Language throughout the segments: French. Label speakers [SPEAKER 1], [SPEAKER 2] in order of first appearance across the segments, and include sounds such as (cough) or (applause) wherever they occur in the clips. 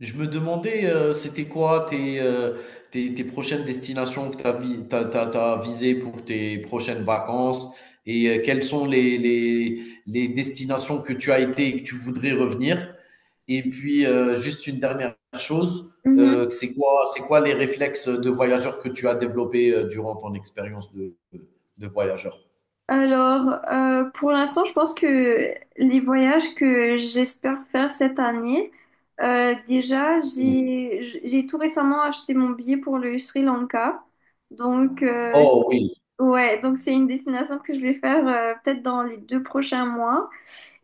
[SPEAKER 1] Je me demandais, c'était quoi tes prochaines destinations que tu as, t'as visées pour tes prochaines vacances et quelles sont les destinations que tu as été et que tu voudrais revenir. Et puis, juste une dernière chose,
[SPEAKER 2] Mhm.
[SPEAKER 1] c'est quoi les réflexes de voyageur que tu as développés durant ton expérience de voyageur?
[SPEAKER 2] Alors, pour l'instant, je pense que les voyages que j'espère faire cette année, déjà,
[SPEAKER 1] Oui.
[SPEAKER 2] j'ai tout récemment acheté mon billet pour le Sri Lanka. Donc,
[SPEAKER 1] Oh oui,
[SPEAKER 2] ouais, donc c'est une destination que je vais faire peut-être dans les 2 prochains mois.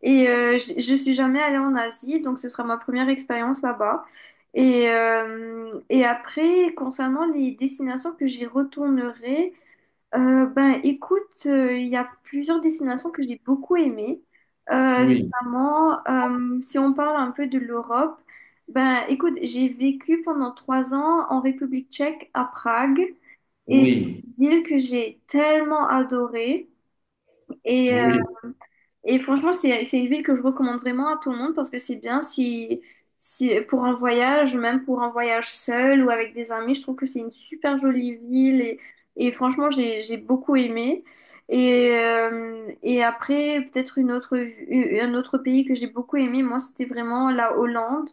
[SPEAKER 2] Et je suis jamais allée en Asie, donc ce sera ma première expérience là-bas. Et après, concernant les destinations que j'y retournerai, ben, écoute, il y a plusieurs destinations que j'ai beaucoup aimées,
[SPEAKER 1] oui,
[SPEAKER 2] notamment si on parle un peu de l'Europe. Ben, écoute, j'ai vécu pendant 3 ans en République tchèque à Prague et c'est
[SPEAKER 1] oui,
[SPEAKER 2] une ville que j'ai tellement adorée. Et euh,
[SPEAKER 1] oui,
[SPEAKER 2] et franchement, c'est une ville que je recommande vraiment à tout le monde parce que c'est bien si, pour un voyage, même pour un voyage seul ou avec des amis, je trouve que c'est une super jolie ville et franchement, j'ai beaucoup aimé. Et après, peut-être une autre, un autre pays que j'ai beaucoup aimé, moi, c'était vraiment la Hollande.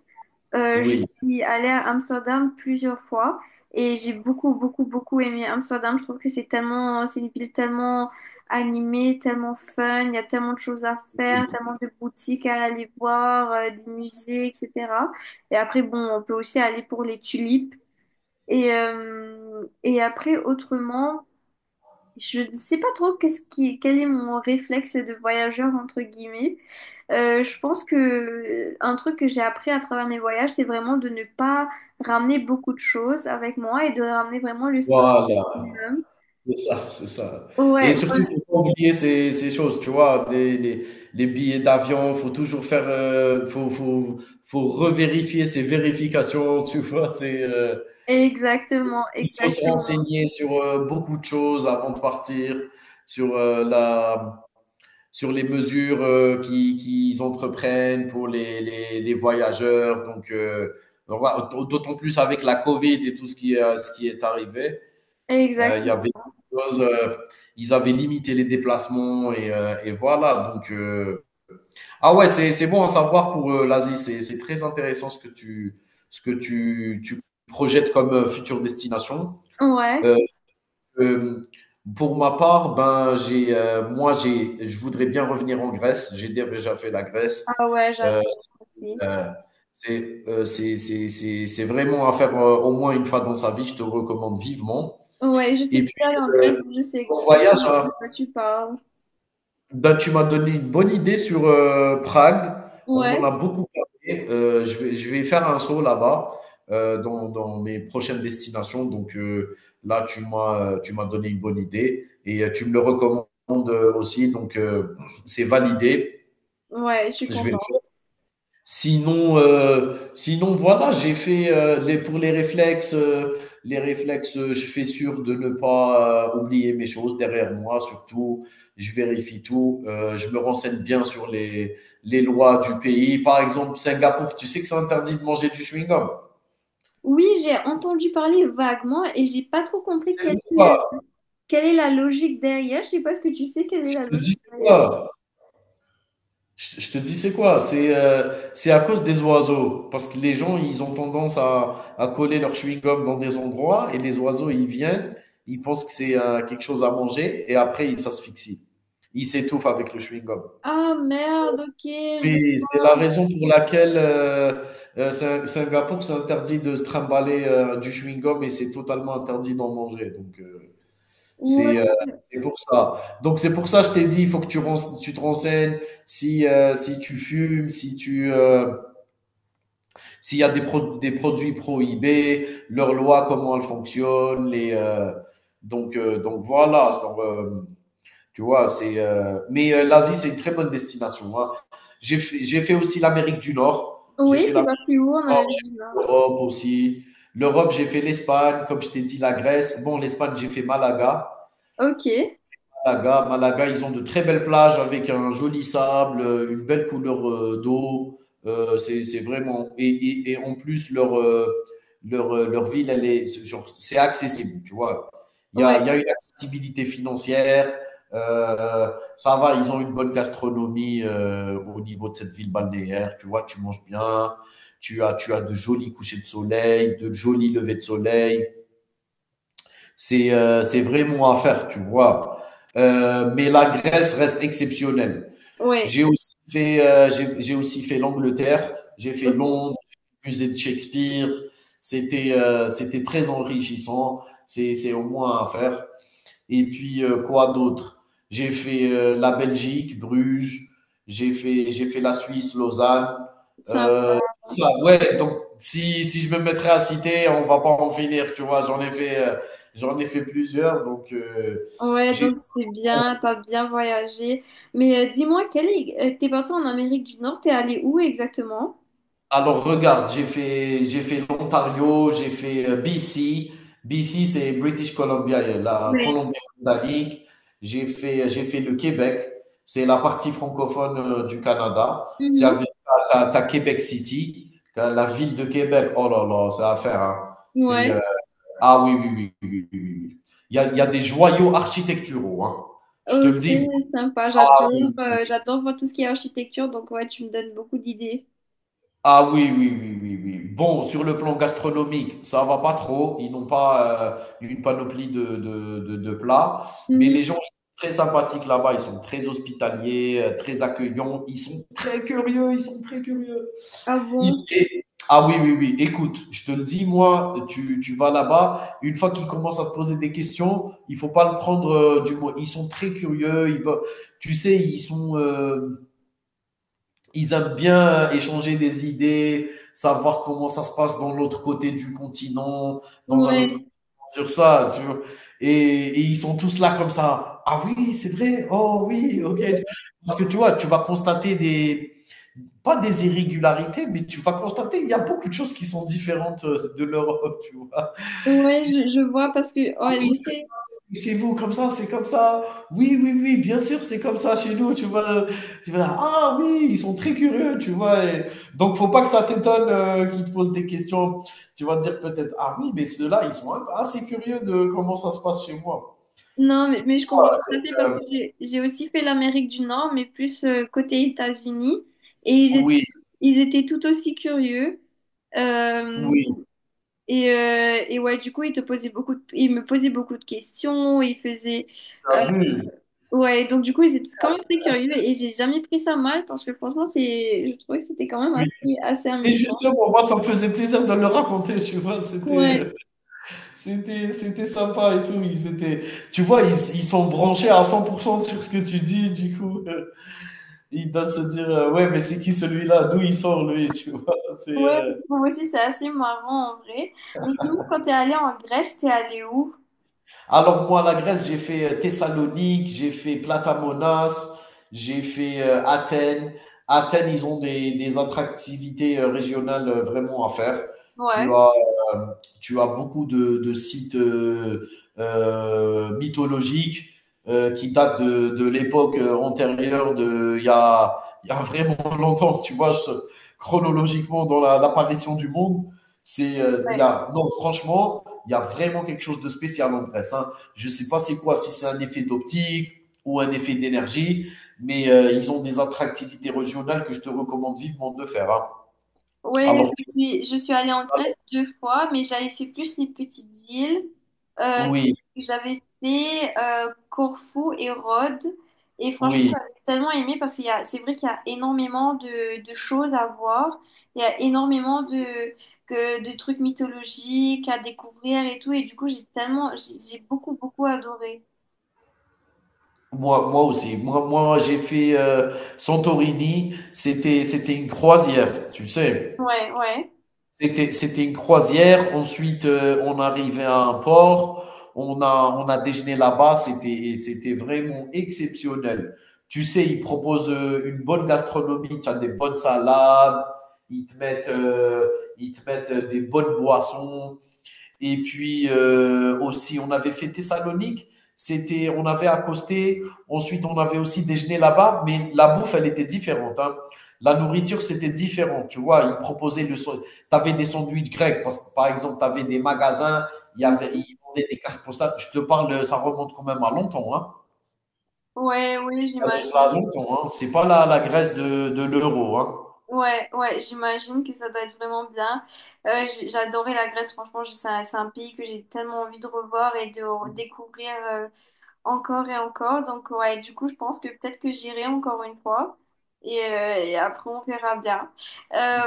[SPEAKER 2] Je
[SPEAKER 1] oui.
[SPEAKER 2] suis allée à Amsterdam plusieurs fois et j'ai beaucoup, beaucoup, beaucoup aimé Amsterdam. Je trouve que c'est tellement, c'est une ville tellement animée, tellement fun. Il y a tellement de choses à faire,
[SPEAKER 1] Oui.
[SPEAKER 2] tellement de boutiques à aller voir, des musées, etc. Et après, bon, on peut aussi aller pour les tulipes. Et après, autrement, je ne sais pas trop quel est mon réflexe de voyageur entre guillemets. Je pense que un truc que j'ai appris à travers mes voyages, c'est vraiment de ne pas ramener beaucoup de choses avec moi et de ramener vraiment le strict
[SPEAKER 1] Voilà.
[SPEAKER 2] minimum.
[SPEAKER 1] C'est ça, c'est ça. Et
[SPEAKER 2] Ouais,
[SPEAKER 1] surtout, faut pas oublier ces choses, tu vois? Des les billets d'avion, faut toujours faire, faut revérifier ces vérifications, (laughs) tu vois?
[SPEAKER 2] exactement,
[SPEAKER 1] Il faut se
[SPEAKER 2] exactement,
[SPEAKER 1] renseigner sur, beaucoup de choses avant de partir, sur, heu, la sur les mesures, qui qu'ils entreprennent pour les voyageurs, donc voilà, d'autant plus avec la covid et tout ce qui est arrivé. Il y avait
[SPEAKER 2] exactement.
[SPEAKER 1] chose, euh, ils avaient limité les déplacements et voilà. Ah ouais, c'est bon à savoir pour l'Asie. C'est très intéressant ce que tu projettes comme future destination.
[SPEAKER 2] Ouais,
[SPEAKER 1] Euh, euh, pour ma part, ben, j'ai, je voudrais bien revenir en Grèce. J'ai déjà fait la Grèce.
[SPEAKER 2] ah ouais,
[SPEAKER 1] Euh,
[SPEAKER 2] j'adore aussi.
[SPEAKER 1] euh, c'est, c'est vraiment à faire au moins une fois dans sa vie. Je te recommande vivement.
[SPEAKER 2] Ouais, je suis
[SPEAKER 1] Et puis,
[SPEAKER 2] déjà allée en
[SPEAKER 1] euh,
[SPEAKER 2] Grèce, donc je sais
[SPEAKER 1] ton voyage,
[SPEAKER 2] exactement
[SPEAKER 1] hein.
[SPEAKER 2] de quoi tu parles.
[SPEAKER 1] Bah, tu m'as donné une bonne idée sur, Prague. On m'en a
[SPEAKER 2] Ouais,
[SPEAKER 1] beaucoup parlé, je vais faire un saut là-bas, dans mes prochaines destinations, là, tu m'as donné une bonne idée et tu me le recommandes, aussi, c'est validé.
[SPEAKER 2] ouais, je suis
[SPEAKER 1] Je vais le
[SPEAKER 2] contente.
[SPEAKER 1] faire. Sinon, sinon voilà, j'ai fait, les pour les réflexes, je fais sûr de ne pas, oublier mes choses derrière moi surtout. Je vérifie tout, je me renseigne bien sur les lois du pays. Par exemple, Singapour, tu sais que c'est interdit de manger du chewing-gum.
[SPEAKER 2] Oui, j'ai entendu parler vaguement et j'ai pas trop compris
[SPEAKER 1] C'est quoi?
[SPEAKER 2] quelle est la logique derrière. Je sais pas ce que tu sais, quelle est
[SPEAKER 1] Je
[SPEAKER 2] la
[SPEAKER 1] te
[SPEAKER 2] logique
[SPEAKER 1] dis c'est
[SPEAKER 2] derrière.
[SPEAKER 1] quoi. Je te dis, c'est quoi? C'est à cause des oiseaux. Parce que les gens, ils ont tendance à coller leur chewing-gum dans des endroits et les oiseaux, ils viennent, ils pensent que c'est quelque chose à manger et après, ils s'asphyxient. Ils s'étouffent avec le chewing-gum.
[SPEAKER 2] Ah merde, ok. Je...
[SPEAKER 1] Oui, c'est la raison pour laquelle Singapour, c'est interdit de se trimballer du chewing-gum et c'est totalement interdit d'en manger.
[SPEAKER 2] Ouais.
[SPEAKER 1] C'est euh, c'est pour ça. Donc c'est pour ça que je t'ai dit, il faut que tu te renseignes si si tu fumes, si tu s'il y a des produits prohibés, leurs lois, comment elles fonctionnent, les donc voilà. Tu vois, c'est mais l'Asie, c'est une très bonne destination, hein. J'ai fait aussi l'Amérique du Nord. J'ai
[SPEAKER 2] Oui,
[SPEAKER 1] fait
[SPEAKER 2] c'est
[SPEAKER 1] l'Amérique
[SPEAKER 2] parti où en
[SPEAKER 1] du Nord,
[SPEAKER 2] Amérique
[SPEAKER 1] j'ai
[SPEAKER 2] du
[SPEAKER 1] fait
[SPEAKER 2] Nord?
[SPEAKER 1] l'Europe aussi. L'Europe, j'ai fait l'Espagne, comme je t'ai dit, la Grèce. Bon, l'Espagne, j'ai fait Malaga.
[SPEAKER 2] Ok.
[SPEAKER 1] Malaga, ils ont de très belles plages avec un joli sable, une belle couleur d'eau. C'est vraiment. Et, en plus, leur ville, c'est genre, c'est accessible, tu vois.
[SPEAKER 2] Ouais,
[SPEAKER 1] Il y a une accessibilité financière. euh, Ça va, ils ont une bonne gastronomie au niveau de cette ville balnéaire. Tu vois, tu manges bien. Tu as de jolis couchers de soleil, de jolis levées de soleil. C'est vraiment à faire, tu vois. Mais la Grèce reste exceptionnelle.
[SPEAKER 2] ouais,
[SPEAKER 1] J'ai aussi fait j'ai aussi fait l'Angleterre, j'ai fait
[SPEAKER 2] ok.
[SPEAKER 1] Londres, le musée de Shakespeare. C'était très enrichissant. C'est au moins à faire. Et puis, quoi d'autre? J'ai fait la Belgique, Bruges, j'ai fait la Suisse, Lausanne.
[SPEAKER 2] Sympa.
[SPEAKER 1] Euh, ouais, donc si, si je me mettrais à citer, on va pas en finir, tu vois. J'en ai fait plusieurs, donc
[SPEAKER 2] Ouais,
[SPEAKER 1] j'ai
[SPEAKER 2] donc c'est bien, t'as bien voyagé. Mais dis-moi, quel est... t'es parti en Amérique du Nord, t'es allé où exactement?
[SPEAKER 1] Alors regarde, j'ai fait l'Ontario, j'ai fait BC. BC, c'est British Columbia, la
[SPEAKER 2] Ouais.
[SPEAKER 1] Colombie-Britannique. J'ai fait le Québec. C'est la partie francophone du Canada. C'est
[SPEAKER 2] Mhm.
[SPEAKER 1] avec Québec City, la ville de Québec. Oh là là, ça à faire, hein. C'est
[SPEAKER 2] Ouais.
[SPEAKER 1] ah oui oui oui oui oui oui. Oui. Il y a des joyaux architecturaux, hein. Je te le
[SPEAKER 2] Ok,
[SPEAKER 1] dis.
[SPEAKER 2] sympa,
[SPEAKER 1] Ah oui,
[SPEAKER 2] j'adore,
[SPEAKER 1] oui,
[SPEAKER 2] j'adore voir tout ce qui est architecture, donc ouais, tu me donnes beaucoup d'idées.
[SPEAKER 1] ah oui, oui, oui, oui, oui. Bon, sur le plan gastronomique, ça va pas trop. Ils n'ont pas une panoplie de plats. Mais
[SPEAKER 2] Mhm.
[SPEAKER 1] les gens sont très sympathiques là-bas. Ils sont très hospitaliers, très accueillants. Ils sont très curieux. Ils sont très curieux.
[SPEAKER 2] Ah
[SPEAKER 1] Ils-
[SPEAKER 2] bon?
[SPEAKER 1] et- Ah oui, oui, oui. Écoute, je te le dis, moi, tu vas là-bas. Une fois qu'ils commencent à te poser des questions, il faut pas le prendre du mot. Ils sont très curieux. Ils veulent- Tu sais, ils sont. Ils aiment bien échanger des idées, savoir comment ça se passe dans l'autre côté du continent, dans un autre
[SPEAKER 2] Ouais,
[SPEAKER 1] sur ça, tu vois. Et, Ils sont tous là comme ça. Ah oui, c'est vrai. Oh oui, ok. Parce que tu vois, tu vas constater des pas des irrégularités, mais tu vas constater il y a beaucoup de choses qui sont différentes de l'Europe, tu vois.
[SPEAKER 2] ouais,
[SPEAKER 1] Tu dis,
[SPEAKER 2] je vois parce que
[SPEAKER 1] ah
[SPEAKER 2] ouais,
[SPEAKER 1] oui,
[SPEAKER 2] j'ai fait.
[SPEAKER 1] chez vous, comme ça, c'est comme ça. Oui, oui, oui, bien sûr, c'est comme ça chez nous, tu vois. Le- Tu vas dire, ah oui, ils sont très curieux, tu vois. Et donc, faut pas que ça t'étonne qu'ils te posent des questions. Tu vas te dire peut-être, ah oui, mais ceux-là, ils sont assez curieux de comment ça se passe chez moi.
[SPEAKER 2] Non, mais je comprends tout à fait parce
[SPEAKER 1] Euh,
[SPEAKER 2] que j'ai aussi fait l'Amérique du Nord, mais plus côté États-Unis, et
[SPEAKER 1] oui,
[SPEAKER 2] ils étaient tout aussi curieux. Euh,
[SPEAKER 1] oui,
[SPEAKER 2] et ouais, du coup, ils me posaient beaucoup de questions, ils faisaient.
[SPEAKER 1] t'as vu,
[SPEAKER 2] Ouais, donc du coup, ils étaient quand même très curieux et j'ai jamais pris ça mal parce que franchement, je trouvais que c'était quand même
[SPEAKER 1] oui.
[SPEAKER 2] assez
[SPEAKER 1] Et
[SPEAKER 2] amusant.
[SPEAKER 1] justement, moi, ça me faisait plaisir de le raconter, tu vois,
[SPEAKER 2] Ouais,
[SPEAKER 1] c'était, c'était sympa et tout. Ils étaient, tu vois, ils sont branchés à 100% sur ce que tu dis, du coup. Il doit se dire ouais, mais c'est qui celui-là, d'où il sort lui, tu vois, c'est
[SPEAKER 2] ouais, moi aussi, c'est assez marrant en vrai. Mais dis-moi, quand t'es allé en Grèce, t'es allé où?
[SPEAKER 1] Alors moi, la Grèce, j'ai fait Thessalonique, j'ai fait Platamonas, j'ai fait Athènes. Athènes, ils ont des attractivités régionales vraiment à faire. Tu
[SPEAKER 2] Ouais,
[SPEAKER 1] as, euh, tu as beaucoup de sites mythologiques qui datent de l'époque antérieure, de, il y a vraiment (laughs) longtemps, tu vois, je- chronologiquement dans la- l'apparition du monde. C'est, il y
[SPEAKER 2] ouais.
[SPEAKER 1] a, non, franchement, il y a vraiment quelque chose de spécial en Grèce, hein. Je ne sais pas c'est quoi, si c'est un effet d'optique ou un effet d'énergie, mais ils ont des attractivités régionales que je te recommande vivement de faire, hein.
[SPEAKER 2] Ouais,
[SPEAKER 1] Alors, tu-
[SPEAKER 2] je suis allée en Grèce deux fois, mais j'avais fait plus les petites îles. Donc,
[SPEAKER 1] oui,
[SPEAKER 2] j'avais fait Corfou et Rhodes. Et franchement,
[SPEAKER 1] oui.
[SPEAKER 2] j'avais tellement aimé parce qu'c'est vrai qu'il y a énormément de choses à voir. Il y a énormément de trucs mythologiques à découvrir et tout. Et du coup, j'ai beaucoup, beaucoup adoré.
[SPEAKER 1] Moi, moi aussi. Moi j'ai fait Santorini. C'était, c'était une croisière, tu sais.
[SPEAKER 2] Ouais, ouais.
[SPEAKER 1] C'était, c'était une croisière. Ensuite, on arrivait à un port. On a déjeuné là-bas. Et c'était vraiment exceptionnel. Tu sais, ils proposent une bonne gastronomie. Tu as des bonnes salades. Ils te mettent, euh, ils te mettent des bonnes boissons. Et puis aussi, on avait fait Thessalonique. On avait accosté. Ensuite, on avait aussi déjeuné là-bas, mais la bouffe, elle était différente, hein. La nourriture, c'était différent. Tu vois, ils proposaient le. Tu avais des sandwichs grecs, parce que, par exemple, tu avais des magasins,
[SPEAKER 2] Mm.
[SPEAKER 1] ils vendaient des cartes postales. Je te parle, ça remonte quand même à longtemps, hein.
[SPEAKER 2] Ouais, oui,
[SPEAKER 1] Il y a de cela
[SPEAKER 2] j'imagine.
[SPEAKER 1] longtemps, hein. C'est pas la Grèce de l'euro, hein.
[SPEAKER 2] Ouais, ouais, j'imagine que ça doit être vraiment bien. J'ai adoré la Grèce, franchement, c'est un pays que j'ai tellement envie de revoir et de découvrir encore et encore. Donc, ouais, du coup, je pense que peut-être que j'irai encore une fois et après, on verra bien.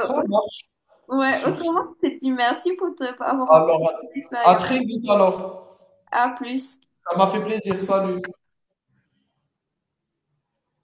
[SPEAKER 1] Ça marche.
[SPEAKER 2] ouais, (laughs)
[SPEAKER 1] Sur ce,
[SPEAKER 2] autrement, je te dis merci pour avoir partagé
[SPEAKER 1] alors,
[SPEAKER 2] ton
[SPEAKER 1] à à
[SPEAKER 2] expérience.
[SPEAKER 1] très vite alors.
[SPEAKER 2] À plus.
[SPEAKER 1] Ça m'a fait plaisir. Salut.